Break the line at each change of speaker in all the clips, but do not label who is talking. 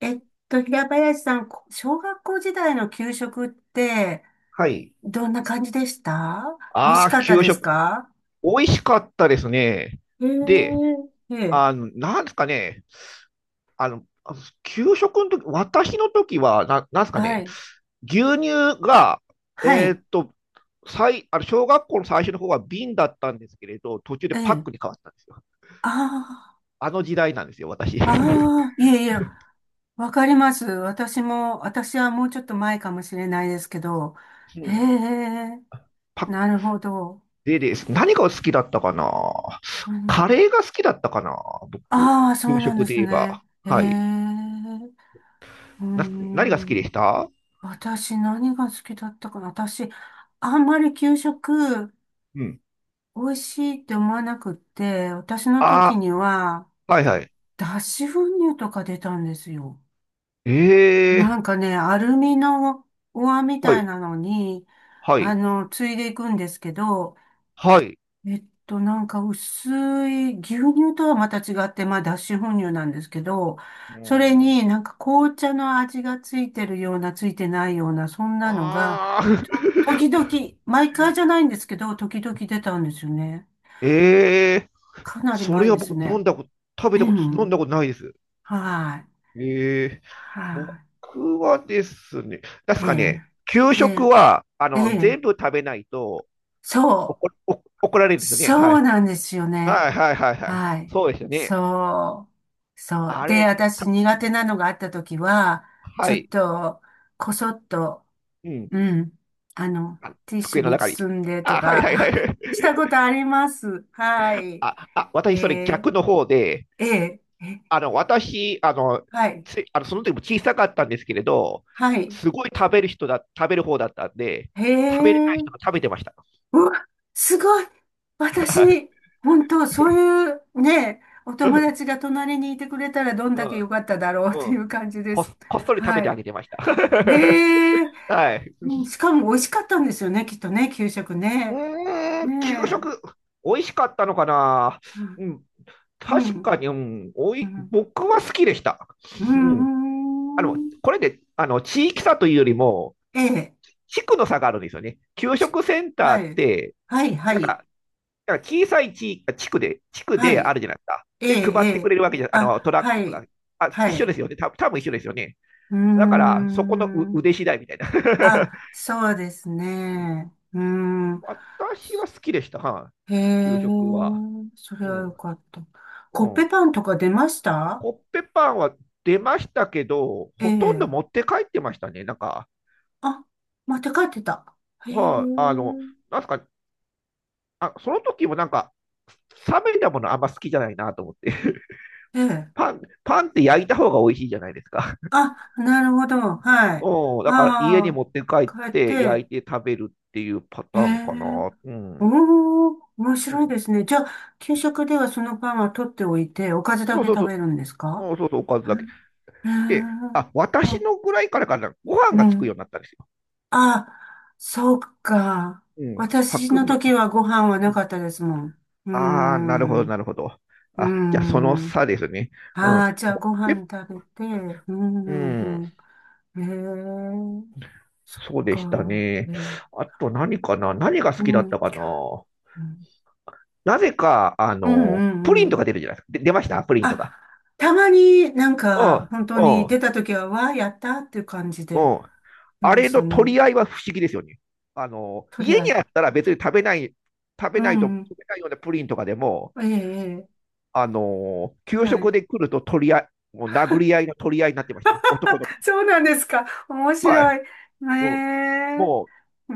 えっ平林さん、小学校時代の給食って、
はい。
どんな感じでした？美味
あ
し
あ、
かった
給
です
食。
か？
美味しかったですね。
え
で、
え、ええ、
なんですかね。あの、給食の時、私の時は、なんですか
は
ね。
い、
牛乳が、
は
えー
い、
っと、最、小学校の最初の方は瓶だったんですけれど、途中で
え
パッ
え、
クに変わったんですよ。
あ
あの時代なんですよ、私。
あ、ああ、いえいえ、わかります。私はもうちょっと前かもしれないですけど、
う
へ
ん。
え、
パック
なるほど。
でです。何が好きだったかな。
うん、
カレーが好きだったかな、僕。
ああ、そ
給
うなんで
食で
す
言え
ね。
ば。
へえ、
はい。
う
な、何が好きで
ん。
した？
私何が好きだったかな。私、あんまり給食
うん。
美味しいって思わなくって、私の時
あ、
には
はいはい。
脱脂粉乳とか出たんですよ。
え
な
え、
んかね、アルミのお椀み
は
た
い、
いなのに、
はい、
ついでいくんですけど、
はい。
なんか薄い牛乳とはまた違って、まあ脱脂粉乳なんですけど、
う
それ
ん。
になんか紅茶の味がついてるような、ついてないような、そんなのが、
ああ、
時々、毎回じゃないんですけど、時々出たんですよね。
ええ、
かなり
それ
前
は
です
僕飲
ね。
んだこと、食
う
べたこと、飲んだ
ん、
ことないです。
はい。
ええ、
は
僕はですね、確
い。え
かね、
え。
給
え
食
え。
は、
え
全部
え。
食べないと
そう。
怒、お怒られるんですよね。は
そう
い。
なんですよね。
はいはいはいはい。
はい。
そうですよね。
そう。そう。
あ
で、
れ、
私
た、
苦手なのがあった時は、
は
ちょっ
い。
と、こそっと、
うん。
うん。あの、
あ、
ティッシ
机
ュ
の
に
中に。
包んでと
あ、はいはいはい。
か、したことあります。は い。
あ、あ、
え
私それ
え。
逆の方で、
ええ。ええ、
あの、私、あの、
はい。
つあのその時も小さかったんですけれど、
はい。
すごい食べる人だ、食べる方だったんで、
へ
食べれない
え。
人が食べてました。
うわ、すごい。
はい。
私、本当、そういうね、お
う
友
ん、
達が隣にいてくれたらどん
う
だけ
ん、
良かっただろうと
う
い
ん。
う感じで
こ
す。
っ、こっそり食べ
は
てあ
い。
げてました。
へえ。
はい。
うん。しかも美味しかったんですよね、きっとね、給食
う
ね。
ーん、給
ねえ。
食、美味しかったのかな。
はい、
うん、
う
確
ん。
かに、うん、お
う
い、
ん。
僕は好きでした。
う
うん。
ん。
これで、地域差というよりも、
ええ。
地区の差があるんですよね。給食センター
は
っ
い。
て、
はい、は
なん
い。
か、だから小さい地域、地区で、地区
は
である
い。
じゃないですか。
ええ、
で、
え
配ってく
え。
れるわけじゃ、ト
あ、
ラッ
は
クが。
い。
あ、
は
一緒で
い。
すよね。た多分一緒ですよね。
うー
だから、そこのう
ん。
腕次第みたいな。
あ、そうですね。うん。
私は好きでした、は
へ
い。給
え、
食は。
それ
う
はよ
ん。
かった。コ
う
ッペ
ん。
パンとか出ました？
コッペパンは出ましたけど、
え
ほとんど持っ
え。
て帰ってましたね。なんか、
あ、持って帰ってた。へえ、
はあ、なんすか、あ、その時もなんか、冷めたものあんま好きじゃないなと思って。
ええ。
パン、パンって焼いた方が美味しいじゃないですか。
あ、なるほど。はい。
うん、だから家に
あ
持って帰
あ、
っ
帰っ
て焼
て。
いて食べるっていうパ
へ
ターンか
え、
な。うん。
おお、面
う
白い
ん、
ですね。じゃあ、給食ではそのパンは取っておいて、おかずだ
そう
け
そうそ
食べるんですか？
う。うん、そうそう、おかず
う
だけ。
ん。へ
で、
え、
あ、私
あ、
のぐらいからかな、ご飯
う
がつくよ
ん。
うになったんですよ。
あ、そうか。
うん、
私
白
の
米。
時はご飯はなかったですもん。うー
ああー、なるほど、な
ん。
るほど。
うー
あ、じゃあその
ん。
差ですね。うん。
ああ、じゃあご飯
え、
食べて。うー
う
ん。う
ん、
んうん、へえ、そっ
そうで
か。
したね。
え
あと何かな、何が好きだった
え、
かな？なぜか、
うんうんうんう
プリ
ん
ン
う
と
ん。
か出るじゃないですか。で、出ましたプリンとか。
あ、たまになん
うん、
か、本当に
う
出
ん、
た時は、わあ、やったっていう感じ
う
で
ん。
出
あ
ま
れ
し
の
た
取
ね。
り合いは不思議ですよね。
とり
家
あえ
に
ず。
あったら別に食べない、食
う
べないと、
んうん。
食べないようなプリンとかでも、
ええ、ええ。
給
は
食
い。
で来ると取り合い、もう殴り合いの取り合いになってましたよ。男
あ、
の子。
そうなんですか？面
はい。
白い。え
もう、
え、
も
うー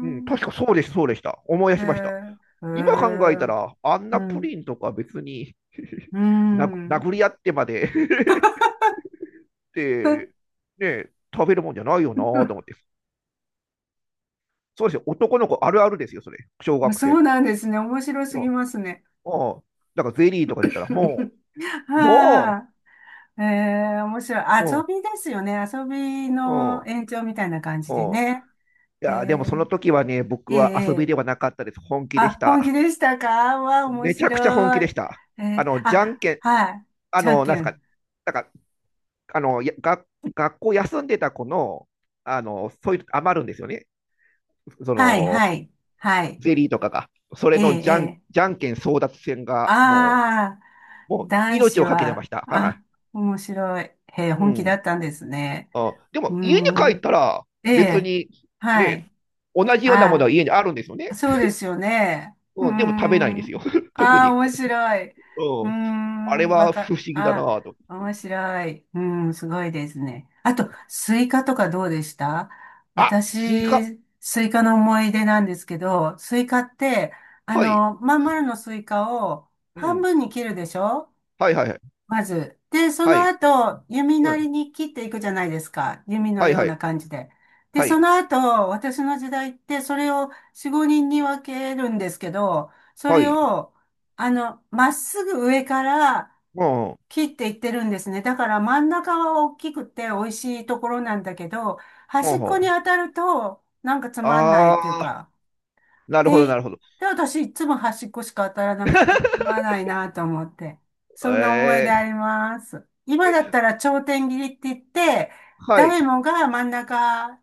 う、うん、確かそうです、そうでした。思い出しました。
ええ
今考え
ええ、
たら、あん
う
なプ
ん。
リンとか別に
う
殴
ん。
殴り合ってまで っ てね、食べるもんじゃないよなと思って。そうですよ。男の子あるあるですよ、それ。小学
そ
生
う
の。
なんですね。面白す
う
ぎますね。
んうん。だからゼリーとか出たら、も う、
は
も
あ。ええ、面白い。
う、う
遊
ん、
びですよね。遊び
う
の
ん、
延長みたいな感じ
う
で
ん。
ね。
い
え
やー、でもそ
え
の時はね、僕
ええ
は遊び
え
では
え、
なかったです。本気でし
あ、本
た。
気でしたか？わあ、面
めちゃくちゃ本
白
気
い。
でした。
え
あ
え、
の、じゃん
あ、
けん、
はい。
あ
じゃん
の、な
け
んですか、
ん。
なんか、やが学校休んでた子の、そういう余るんですよね。そ
はい、
の、
はい、はい。
ゼリーとかが。それ
え
のじゃん、
ええ
じ
え、
ゃんけん争奪戦が、も
ああ、
う、もう
男
命
子
をかけてま
は、
した。は
あ、面白い。へえ、
い。う
本気だ
ん。
ったんですね。
あ、で
う
も
ー
家に帰っ
ん。
たら
え
別
え、
に
は
ね、
い。
同じようなもの
あ
は家にあるんですよね。
あ、そうですよね。うー
うん、でも食べないんです
ん。
よ。特
ああ、
に。
面白い。うー
うん。あれ
ん、
は不思議だな
あ
ぁと。
あ、面白い。うーん、すごいですね。あ
う
と、
ん。
スイカとかどうでした？
あ、スイカ。
私、スイカの思い出なんですけど、スイカって、
はい。
まん丸のスイカを
う
半
ん。
分に切るでしょ？
はいはいはい。
まず。で、そ
は
の
い。
後、弓
う
なり
ん。
に切っていくじゃないですか。弓の
はい
よう
はい。
な感じで。で、
は
そ
い。
の後、私の時代って、それを4、5人に分けるんですけど、そ
は
れ
い。
を、まっすぐ上から
うん。う
切っていってるんですね。だから真ん中は大きくて美味しいところなんだけど、端っこに
ん。
当たると、なんかつまんないっていう
ああ
か、
ー、なるほどな
で、
るほど。
で、私いつも端っこしか当たらなくてつ まらないなと思って。そんな思い出
え
あります。
ー、
今
え、
だったら頂点切りって言って、
はい。
誰もが真ん中、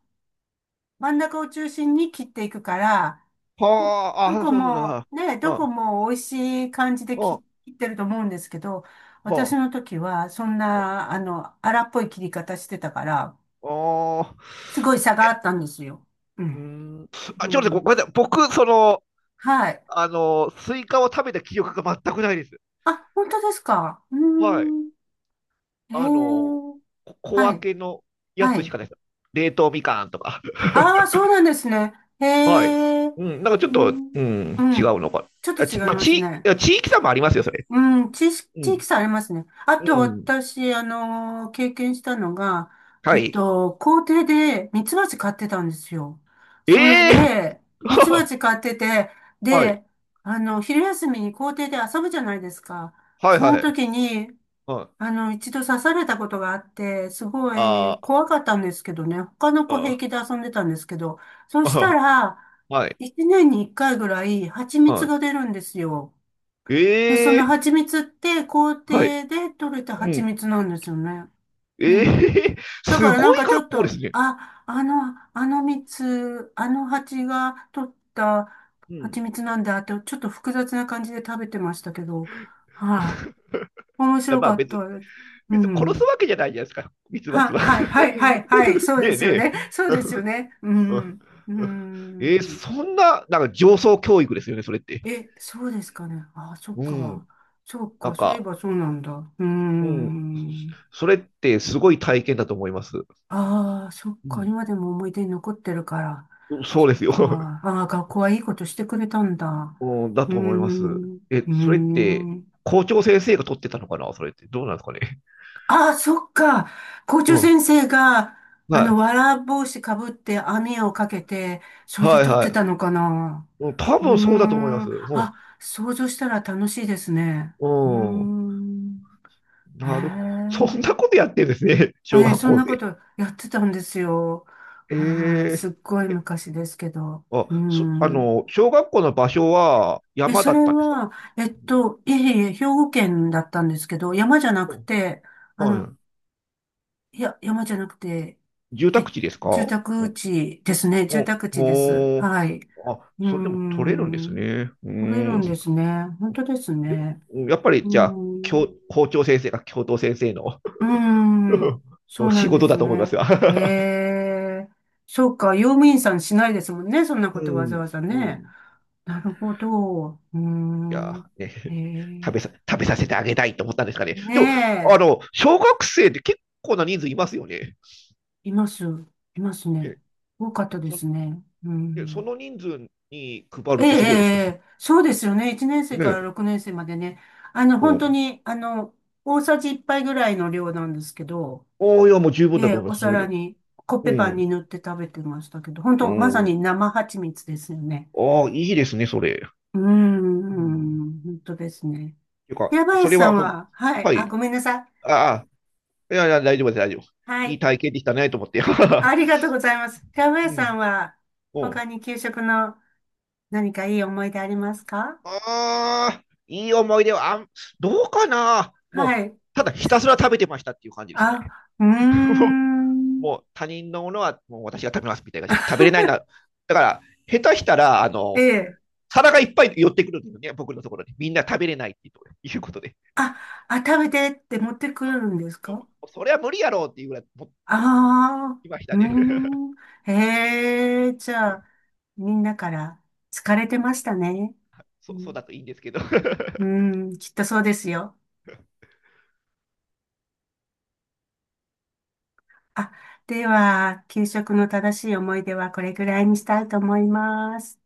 真ん中を中心に切っていくから、ど、
は
ど
あ、あ、
こ
そうそう
も、
だ。
ね、
う
どこ
ん。
も美味しい感じで
う
切、
ん。
切ってると思うんですけど、私
はあ。
の時はそんな、荒っぽい切り方してたから、
ああ
す
ー。
ごい差があったんですよ。う
うー
ん。
ん。
う
あ、ちょっと待って、
ん。
ごごめんなさい。僕、その、
はい。
スイカを食べた記憶が全くないです。
あ、本当ですか？うー
はい。
ん。へ
あの、
え、
こ小
はい、
分けのや
は
つし
い。
かないです。冷凍みかんとか。
ああ、そうなんですね。へ
はい。
え、
うん、なんかちょ
う
っと、う
ん、
ん、
う
違
ん。
うのか。
ちょっと
あ、
違い
ち、まあ、
ます
ち、い
ね。
や地域差もありますよ、それ。
うん、
う
地域
ん、
差ありますね。あ
う
と
ん。
私、経験したのが、
はい。
校庭でミツバチ飼ってたんですよ。それ
ええ、
で、ミツバ チ飼ってて、
はい。
で、昼休みに校庭で遊ぶじゃないですか。
はい
その
はい。
時に、
はい。
一度刺されたことがあって、すごい
ああ、
怖かったんですけどね、他の子平
あ
気で遊んでたんですけど、そし
あ、う
た
ん、
ら、
はい。
一年に一回ぐらい蜂蜜
は
が出るんですよ。
い。
でその
ええ、
蜂蜜って校庭
はい。
で採れた
う
蜂
ん。
蜜なんですよね。う
え
ん。
え、
だ
す
からなん
ごい
かちょ
学
っ
校で
と、
すね。
あの蜜、あの蜂が取った
う
蜂
ん。
蜜なんだって、ちょっと複雑な感じで食べてましたけど、はい、面
や、
白
まあ
かっ
別に、
たです。う
別に殺す
ん。
わけじゃないじゃないですか、ミツバチは。
はい、はい、はい、はい、そう
ね
で
え
す
ね
よ
え。
ね。そうですよね。うん。う
えー、
ん。
そんな、なんか上層教育ですよね、それって。
え、そうですかね。あ、そっ
う
か。
ん。
そっ
な
か、
ん
そういえ
か、
ばそうなんだ。う
うん。
ん。
それってすごい体験だと思います。う
ああ、そっか。
ん。
今でも思い出に残ってるから。
うん、そう
そ
で
っ
すよ。
か。ああ、学校はいいことしてくれたんだ。
うん、だ
う
と思います。
ん。
え、
う
それって、
ん。
校長先生が取ってたのかな、それって。どうなんですかね。
ああ、そっか。校長
う
先
ん。
生が、
はい。
わら帽子かぶって網をかけて、それで
はい
撮っ
は
てた
い。
のかな。
うん、多
うー
分そうだと思いま
ん。
す。う
あ、想像したら楽しいですね。うー
ん。うん。
ん。へ
なるほど。そんな
え。
ことやってるんですね。小
ええ、
学
そん
校
なこ
で。
とやってたんですよ。はい。
え
す
え、
っごい昔ですけど。
あ、
うー
そ、
ん。
小学校の場所は
え、
山
そ
だっ
れ
たんですか？
は、いえいえ、兵庫県だったんですけど、山じゃなく
うん。
て、あの、
は
いや、山じゃなくて、
い。住宅地ですか？
住
お、
宅地ですね。住
お、
宅地です。
おー、
はい。
あ、
うー
それでも取れるんです
ん。
ね。うー
取れるんで
ん。
すね。本当です
で、
ね。
やっぱ
う
り、じゃあ、
ー
教、
ん。
校長先生が教頭先生の
うーん。そ
の
うな
仕
んで
事
す
だと思います
ね。
が。
ええ。そうか。用務員さんしないですもんね。そんな こ
う
とわざ
ん、
わざ
うん。
ね。
い
なるほど。うー
や、
ん。
ね、
え
食べ
え。
さ、食べさせてあげたいと思ったんですかね。でも、
ね
小学生って結構な人数いますよね。
え。います。いますね。
ね、
多かったで
そ、
すね。う
で、そ
ん。
の人数に配
え
る
え、
っ
え
てすごいですよ
え、
ね。
ええ、そうですよね。1年生から
ね
6年生までね。
え。う
本当
ん。
に、大さじ1杯ぐらいの量なんですけど、
ああ、いや、もう十分だ
ええ、
と思い
お
ます、それで
皿
も。
に、コッ
う
ペパン
ん。
に塗って食べてましたけど、本
う
当、まさ
ん。
に生蜂蜜ですよね。
ああ、いいですね、それ。
うー
うん。
ん、本当ですね。
ていうか、
平
そ
林
れ
さ
は
ん
ほん、
は、はい、
は
あ、
い。
ごめんなさい。
ああ、いやいや、大丈夫です、大丈夫。
は
いい
い、
体験できたね、と思って。
ありが とうございます。平
う
林さん
ん。
は、
うん。
他に給食の何かいい思い出ありますか？
ああ、いい思い出は、あん、どうかな。も
は
う、
い。
ただひたすら食べてましたっていう感じでしたね。
あ、うー ん。
もう他人のものはもう私が食べますみたいな。食べれないな。だから、下手したら、
ええ、
皿がいっぱい寄ってくるんですよね、僕のところに。みんな食べれないっていうことで。
あ、食べてって持ってくるんですか？
それは無理やろうっていうぐらい、
あ
今ひ
あー、
た
う
で、ね、
ーん。へえ、じゃあ、みんなから疲れてましたね。う
そうそう
ん、
だといいんですけど。
うー ん、きっとそうですよ。あ、では、給食の正しい思い出はこれぐらいにしたいと思います。